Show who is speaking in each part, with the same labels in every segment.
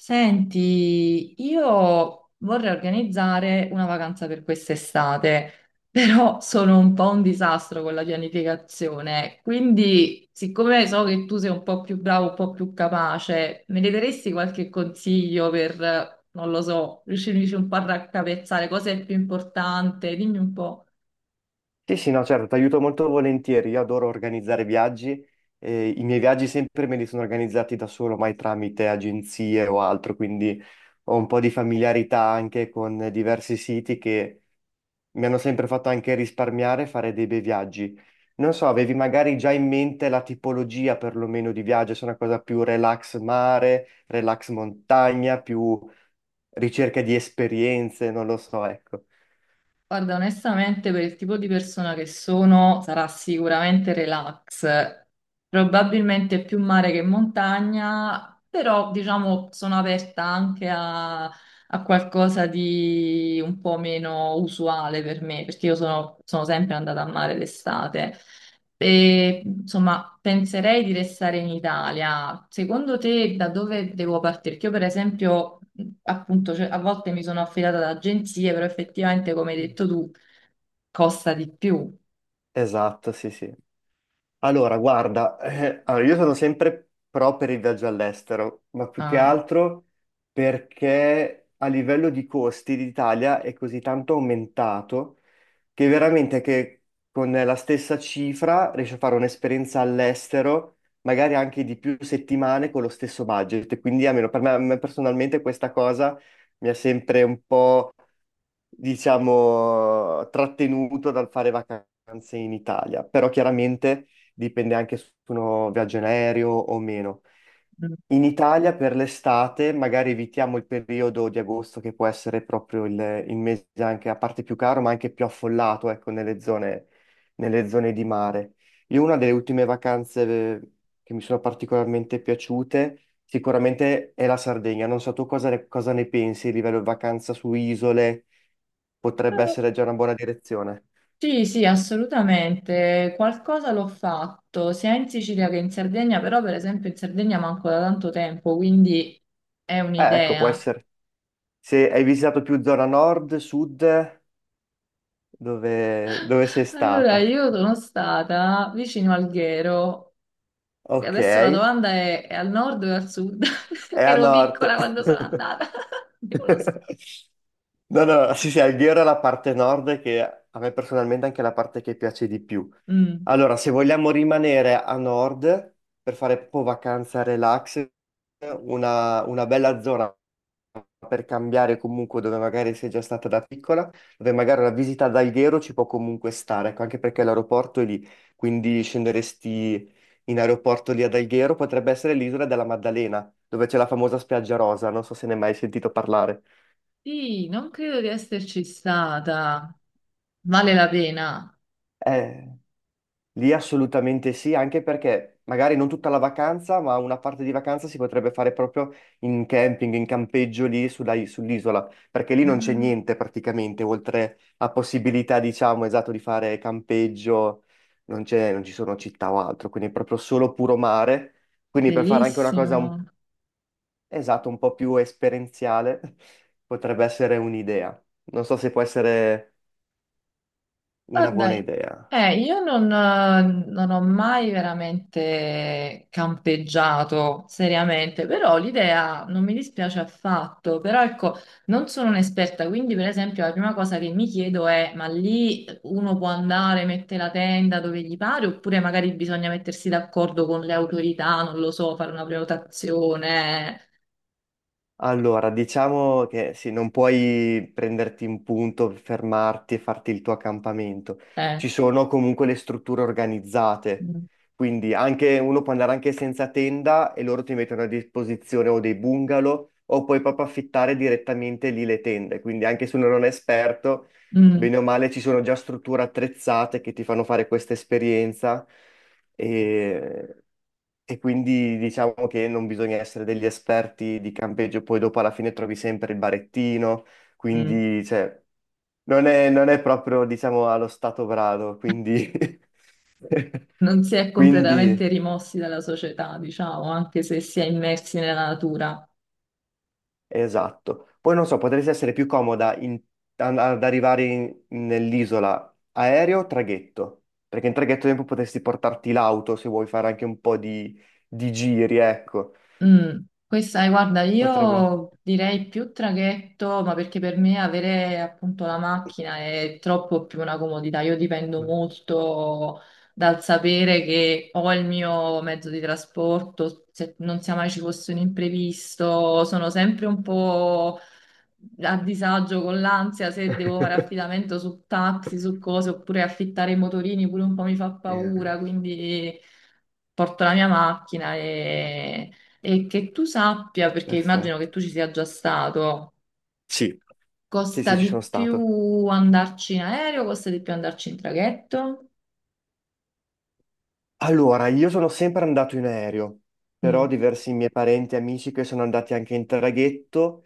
Speaker 1: Senti, io vorrei organizzare una vacanza per quest'estate, però sono un po' un disastro con la pianificazione, quindi siccome so che tu sei un po' più bravo, un po' più capace, me ne daresti qualche consiglio per, non lo so, riuscirmi un po' a raccapezzare cosa è più importante? Dimmi un po'.
Speaker 2: Sì, sì, no, certo, ti aiuto molto volentieri. Io adoro organizzare viaggi e i miei viaggi sempre me li sono organizzati da solo, mai tramite agenzie o altro, quindi ho un po' di familiarità anche con diversi siti che mi hanno sempre fatto anche risparmiare e fare dei bei viaggi. Non so, avevi magari già in mente la tipologia perlomeno di viaggio, se è una cosa più relax mare, relax montagna, più ricerca di esperienze, non lo so, ecco.
Speaker 1: Guarda, onestamente, per il tipo di persona che sono, sarà sicuramente relax, probabilmente più mare che montagna, però diciamo sono aperta anche a qualcosa di un po' meno usuale per me, perché io sono sempre andata a mare d'estate. E, insomma, penserei di restare in Italia. Secondo te da dove devo partire? Perché io, per esempio, appunto, cioè, a volte mi sono affidata ad agenzie, però effettivamente, come hai detto tu, costa di più.
Speaker 2: Esatto, sì, sì. Allora, guarda, allora, io sono sempre pro per il viaggio all'estero, ma più che
Speaker 1: Ah,
Speaker 2: altro perché a livello di costi l'Italia è così tanto aumentato che veramente che con la stessa cifra riesci a fare un'esperienza all'estero, magari anche di più settimane con lo stesso budget. Quindi almeno per me, a me personalmente questa cosa mi ha sempre un po', diciamo, trattenuto dal fare vacanze in Italia, però chiaramente dipende anche se uno viaggia in aereo o meno.
Speaker 1: mm.
Speaker 2: In Italia per l'estate magari evitiamo il periodo di agosto, che può essere proprio il mese anche a parte più caro, ma anche più affollato, ecco, nelle zone di mare. Io una delle ultime vacanze che mi sono particolarmente piaciute sicuramente è la Sardegna. Non so tu cosa ne pensi a livello di vacanza su isole, potrebbe
Speaker 1: Eh,
Speaker 2: essere già una buona direzione.
Speaker 1: sì, sì, assolutamente. Qualcosa l'ho fatto sia in Sicilia che in Sardegna, però per esempio in Sardegna manco da tanto tempo, quindi è
Speaker 2: Ecco, può
Speaker 1: un'idea.
Speaker 2: essere. Se hai visitato più zona nord, sud, dove sei
Speaker 1: Allora,
Speaker 2: stata?
Speaker 1: io sono stata vicino Alghero.
Speaker 2: Ok,
Speaker 1: Adesso la
Speaker 2: è
Speaker 1: domanda è al nord o al sud? Perché
Speaker 2: a
Speaker 1: ero piccola quando sono
Speaker 2: nord.
Speaker 1: andata, quindi non lo so.
Speaker 2: No, no, sì, sì, Alghero è la parte nord che a me personalmente è anche la parte che piace di più.
Speaker 1: Mm.
Speaker 2: Allora, se vogliamo rimanere a nord per fare un po' vacanza relax, una bella zona per cambiare comunque dove magari sei già stata da piccola, dove magari la visita ad Alghero ci può comunque stare, ecco, anche perché l'aeroporto è lì, quindi scenderesti in aeroporto lì ad Alghero, potrebbe essere l'isola della Maddalena, dove c'è la famosa spiaggia rosa, non so se ne hai mai sentito parlare.
Speaker 1: Sì, non credo di esserci stata. Vale la pena.
Speaker 2: Eh... Lì assolutamente sì, anche perché magari non tutta la vacanza, ma una parte di vacanza si potrebbe fare proprio in camping, in campeggio lì sull'isola, perché lì non c'è
Speaker 1: Ah,
Speaker 2: niente praticamente, oltre a possibilità, diciamo, esatto, di fare campeggio, non ci sono città o altro, quindi è proprio solo puro mare. Quindi per fare anche una cosa,
Speaker 1: bellissimo.
Speaker 2: esatto, un po' più esperienziale, potrebbe essere un'idea. Non so se può essere una
Speaker 1: Guarda,
Speaker 2: buona idea.
Speaker 1: io non ho mai veramente campeggiato seriamente, però l'idea non mi dispiace affatto, però ecco, non sono un'esperta, quindi per esempio la prima cosa che mi chiedo è, ma lì uno può andare, mette la tenda dove gli pare, oppure magari bisogna mettersi d'accordo con le autorità, non lo so, fare una prenotazione.
Speaker 2: Allora, diciamo che sì, non puoi prenderti in punto, fermarti e farti il tuo accampamento.
Speaker 1: eh.
Speaker 2: Ci
Speaker 1: eh,
Speaker 2: sono comunque le strutture organizzate,
Speaker 1: Mm,
Speaker 2: quindi anche, uno può andare anche senza tenda e loro ti mettono a disposizione o dei bungalow o puoi proprio affittare direttamente lì le tende. Quindi anche se uno non è esperto,
Speaker 1: mm,
Speaker 2: bene o male ci sono già strutture attrezzate che ti fanno fare questa esperienza. E e quindi diciamo che non bisogna essere degli esperti di campeggio, poi dopo alla fine trovi sempre il barettino,
Speaker 1: mm.
Speaker 2: quindi cioè, non è proprio, diciamo, allo stato brado, quindi...
Speaker 1: Non si è
Speaker 2: quindi
Speaker 1: completamente rimossi dalla società, diciamo, anche se si è immersi nella natura.
Speaker 2: esatto. Poi non so, potresti essere più comoda ad arrivare nell'isola aereo o traghetto, perché in traghetto ad esempio potresti portarti l'auto se vuoi fare anche un po' di giri, ecco.
Speaker 1: Mm. Questa, guarda,
Speaker 2: Potrebbe...
Speaker 1: io direi più traghetto, ma perché per me avere appunto la macchina è troppo più una comodità. Io dipendo molto dal sapere che ho il mio mezzo di trasporto, se non sia mai ci fosse un imprevisto, sono sempre un po' a disagio con l'ansia se devo fare affidamento su taxi, su cose, oppure affittare i motorini pure un po' mi fa
Speaker 2: Yeah.
Speaker 1: paura, quindi porto la mia macchina e che tu sappia, perché immagino che
Speaker 2: Perfetto.
Speaker 1: tu ci sia già stato,
Speaker 2: Sì,
Speaker 1: costa
Speaker 2: sì, ci sono
Speaker 1: di
Speaker 2: stato.
Speaker 1: più andarci in aereo, costa di più andarci in traghetto?
Speaker 2: Allora, io sono sempre andato in aereo, però ho
Speaker 1: Mm,
Speaker 2: diversi miei parenti e amici che sono andati anche in traghetto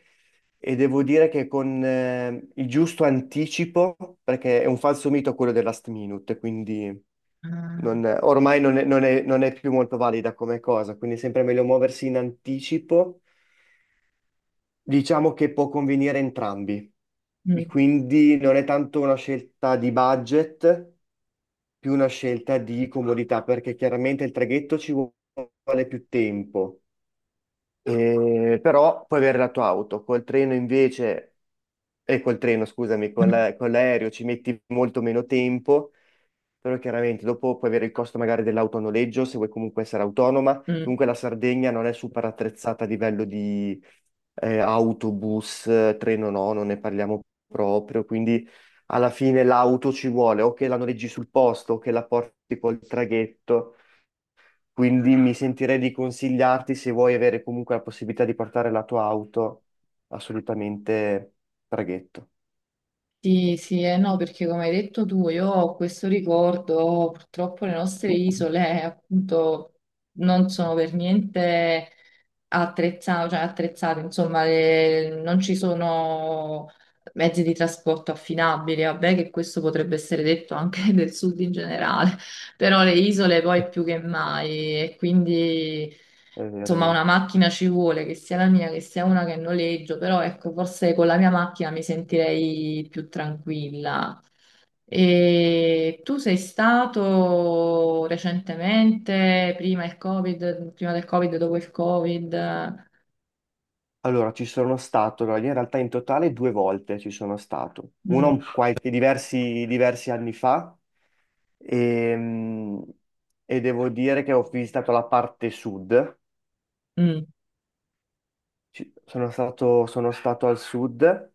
Speaker 2: e devo dire che con il giusto anticipo, perché è un falso mito quello del last minute, quindi
Speaker 1: ah,
Speaker 2: ormai non è più molto valida come cosa, quindi è sempre meglio muoversi in anticipo. Diciamo che può convenire entrambi,
Speaker 1: mm,
Speaker 2: quindi non è tanto una scelta di budget, più una scelta di comodità, perché chiaramente il traghetto ci vuole più tempo, però puoi avere la tua auto, col treno invece, e col treno, scusami, con la- con l'aereo ci metti molto meno tempo, però chiaramente dopo puoi avere il costo magari dell'auto a noleggio, se vuoi comunque essere autonoma.
Speaker 1: mm.
Speaker 2: Comunque la Sardegna non è super attrezzata a livello di autobus, treno no, non ne parliamo proprio, quindi alla fine l'auto ci vuole, o che la noleggi sul posto, o che la porti col traghetto. Quindi mi sentirei di consigliarti, se vuoi avere comunque la possibilità di portare la tua auto, assolutamente traghetto.
Speaker 1: Sì, sì, eh no, perché come hai detto tu, io ho questo ricordo, purtroppo le nostre isole appunto non sono per niente attrezzate, cioè attrezzate, insomma, non ci sono mezzi di trasporto affinabili, vabbè che questo potrebbe essere detto anche del sud in generale, però le isole poi più che mai e quindi
Speaker 2: È vero, è
Speaker 1: insomma
Speaker 2: vero.
Speaker 1: una macchina ci vuole, che sia la mia, che sia una che noleggio, però ecco forse con la mia macchina mi sentirei più tranquilla. E tu sei stato recentemente, prima il Covid, prima del Covid, dopo il Covid?
Speaker 2: Allora, io in realtà in totale due volte ci sono stato. Uno
Speaker 1: Mm,
Speaker 2: qualche, diversi anni fa, ehm, e devo dire che ho visitato la parte sud.
Speaker 1: mm,
Speaker 2: Sono stato al sud.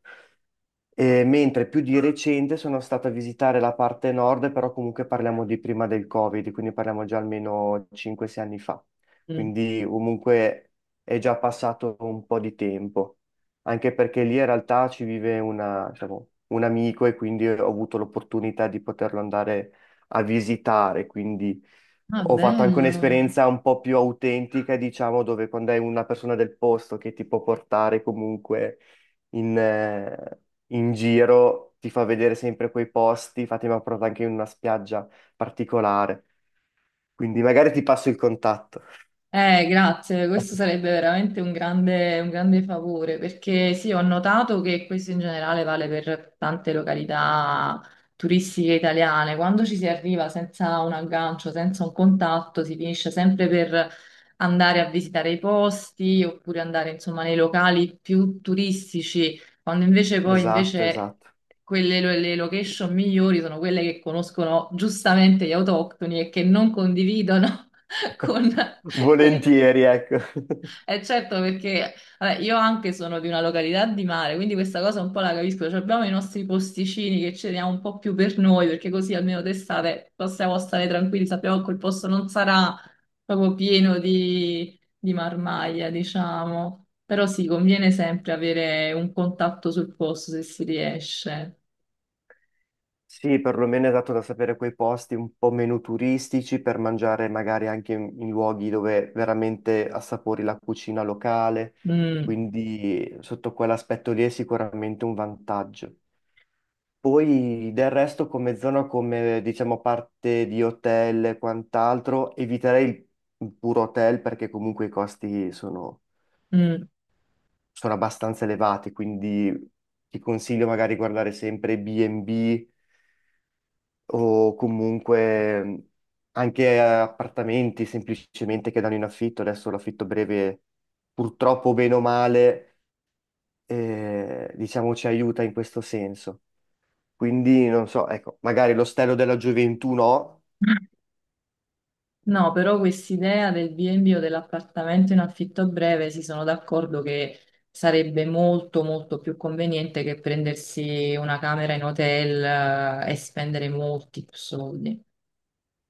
Speaker 2: E mentre più di recente sono stato a visitare la parte nord, però comunque parliamo di prima del Covid, quindi parliamo già almeno 5-6 anni fa.
Speaker 1: mm.
Speaker 2: Quindi comunque è già passato un po' di tempo, anche perché lì in realtà ci vive diciamo, un amico e quindi ho avuto l'opportunità di poterlo andare a visitare, quindi
Speaker 1: Ah,
Speaker 2: ho fatto anche
Speaker 1: bello.
Speaker 2: un'esperienza un po' più autentica, diciamo, dove quando hai una persona del posto che ti può portare comunque in, eh, in giro, ti fa vedere sempre quei posti, infatti mi ha portato anche in una spiaggia particolare, quindi magari ti passo il contatto.
Speaker 1: Grazie, questo sarebbe veramente un grande favore perché sì, ho notato che questo in generale vale per tante località turistiche italiane. Quando ci si arriva senza un aggancio, senza un contatto, si finisce sempre per andare a visitare i posti oppure andare insomma nei locali più turistici, quando invece poi
Speaker 2: Esatto,
Speaker 1: invece
Speaker 2: esatto.
Speaker 1: quelle le location migliori sono quelle che conoscono giustamente gli autoctoni e che non condividono. con, con i turisti.
Speaker 2: Volentieri, ecco.
Speaker 1: Eh certo, perché vabbè, io anche sono di una località di mare, quindi questa cosa un po' la capisco. Cioè, abbiamo i nostri posticini che ce li diamo un po' più per noi, perché così almeno d'estate possiamo stare tranquilli, sappiamo che quel posto non sarà proprio pieno di, marmaglia, diciamo. Però sì, conviene sempre avere un contatto sul posto se si riesce.
Speaker 2: Sì, perlomeno è dato da sapere quei posti un po' meno turistici per mangiare magari anche in luoghi dove veramente assapori la cucina locale,
Speaker 1: Mm,
Speaker 2: quindi sotto quell'aspetto lì è sicuramente un vantaggio. Poi del resto come zona, come diciamo parte di hotel e quant'altro, eviterei il puro hotel perché comunque i
Speaker 1: mm.
Speaker 2: sono abbastanza elevati, quindi ti consiglio magari guardare sempre B&B o comunque anche appartamenti semplicemente che danno in affitto. Adesso l'affitto breve purtroppo bene o male, diciamo ci aiuta in questo senso. Quindi non so, ecco, magari l'ostello della gioventù no
Speaker 1: No, però quest'idea del B&B o dell'appartamento in affitto breve si sono d'accordo che sarebbe molto molto più conveniente che prendersi una camera in hotel e spendere molti più soldi.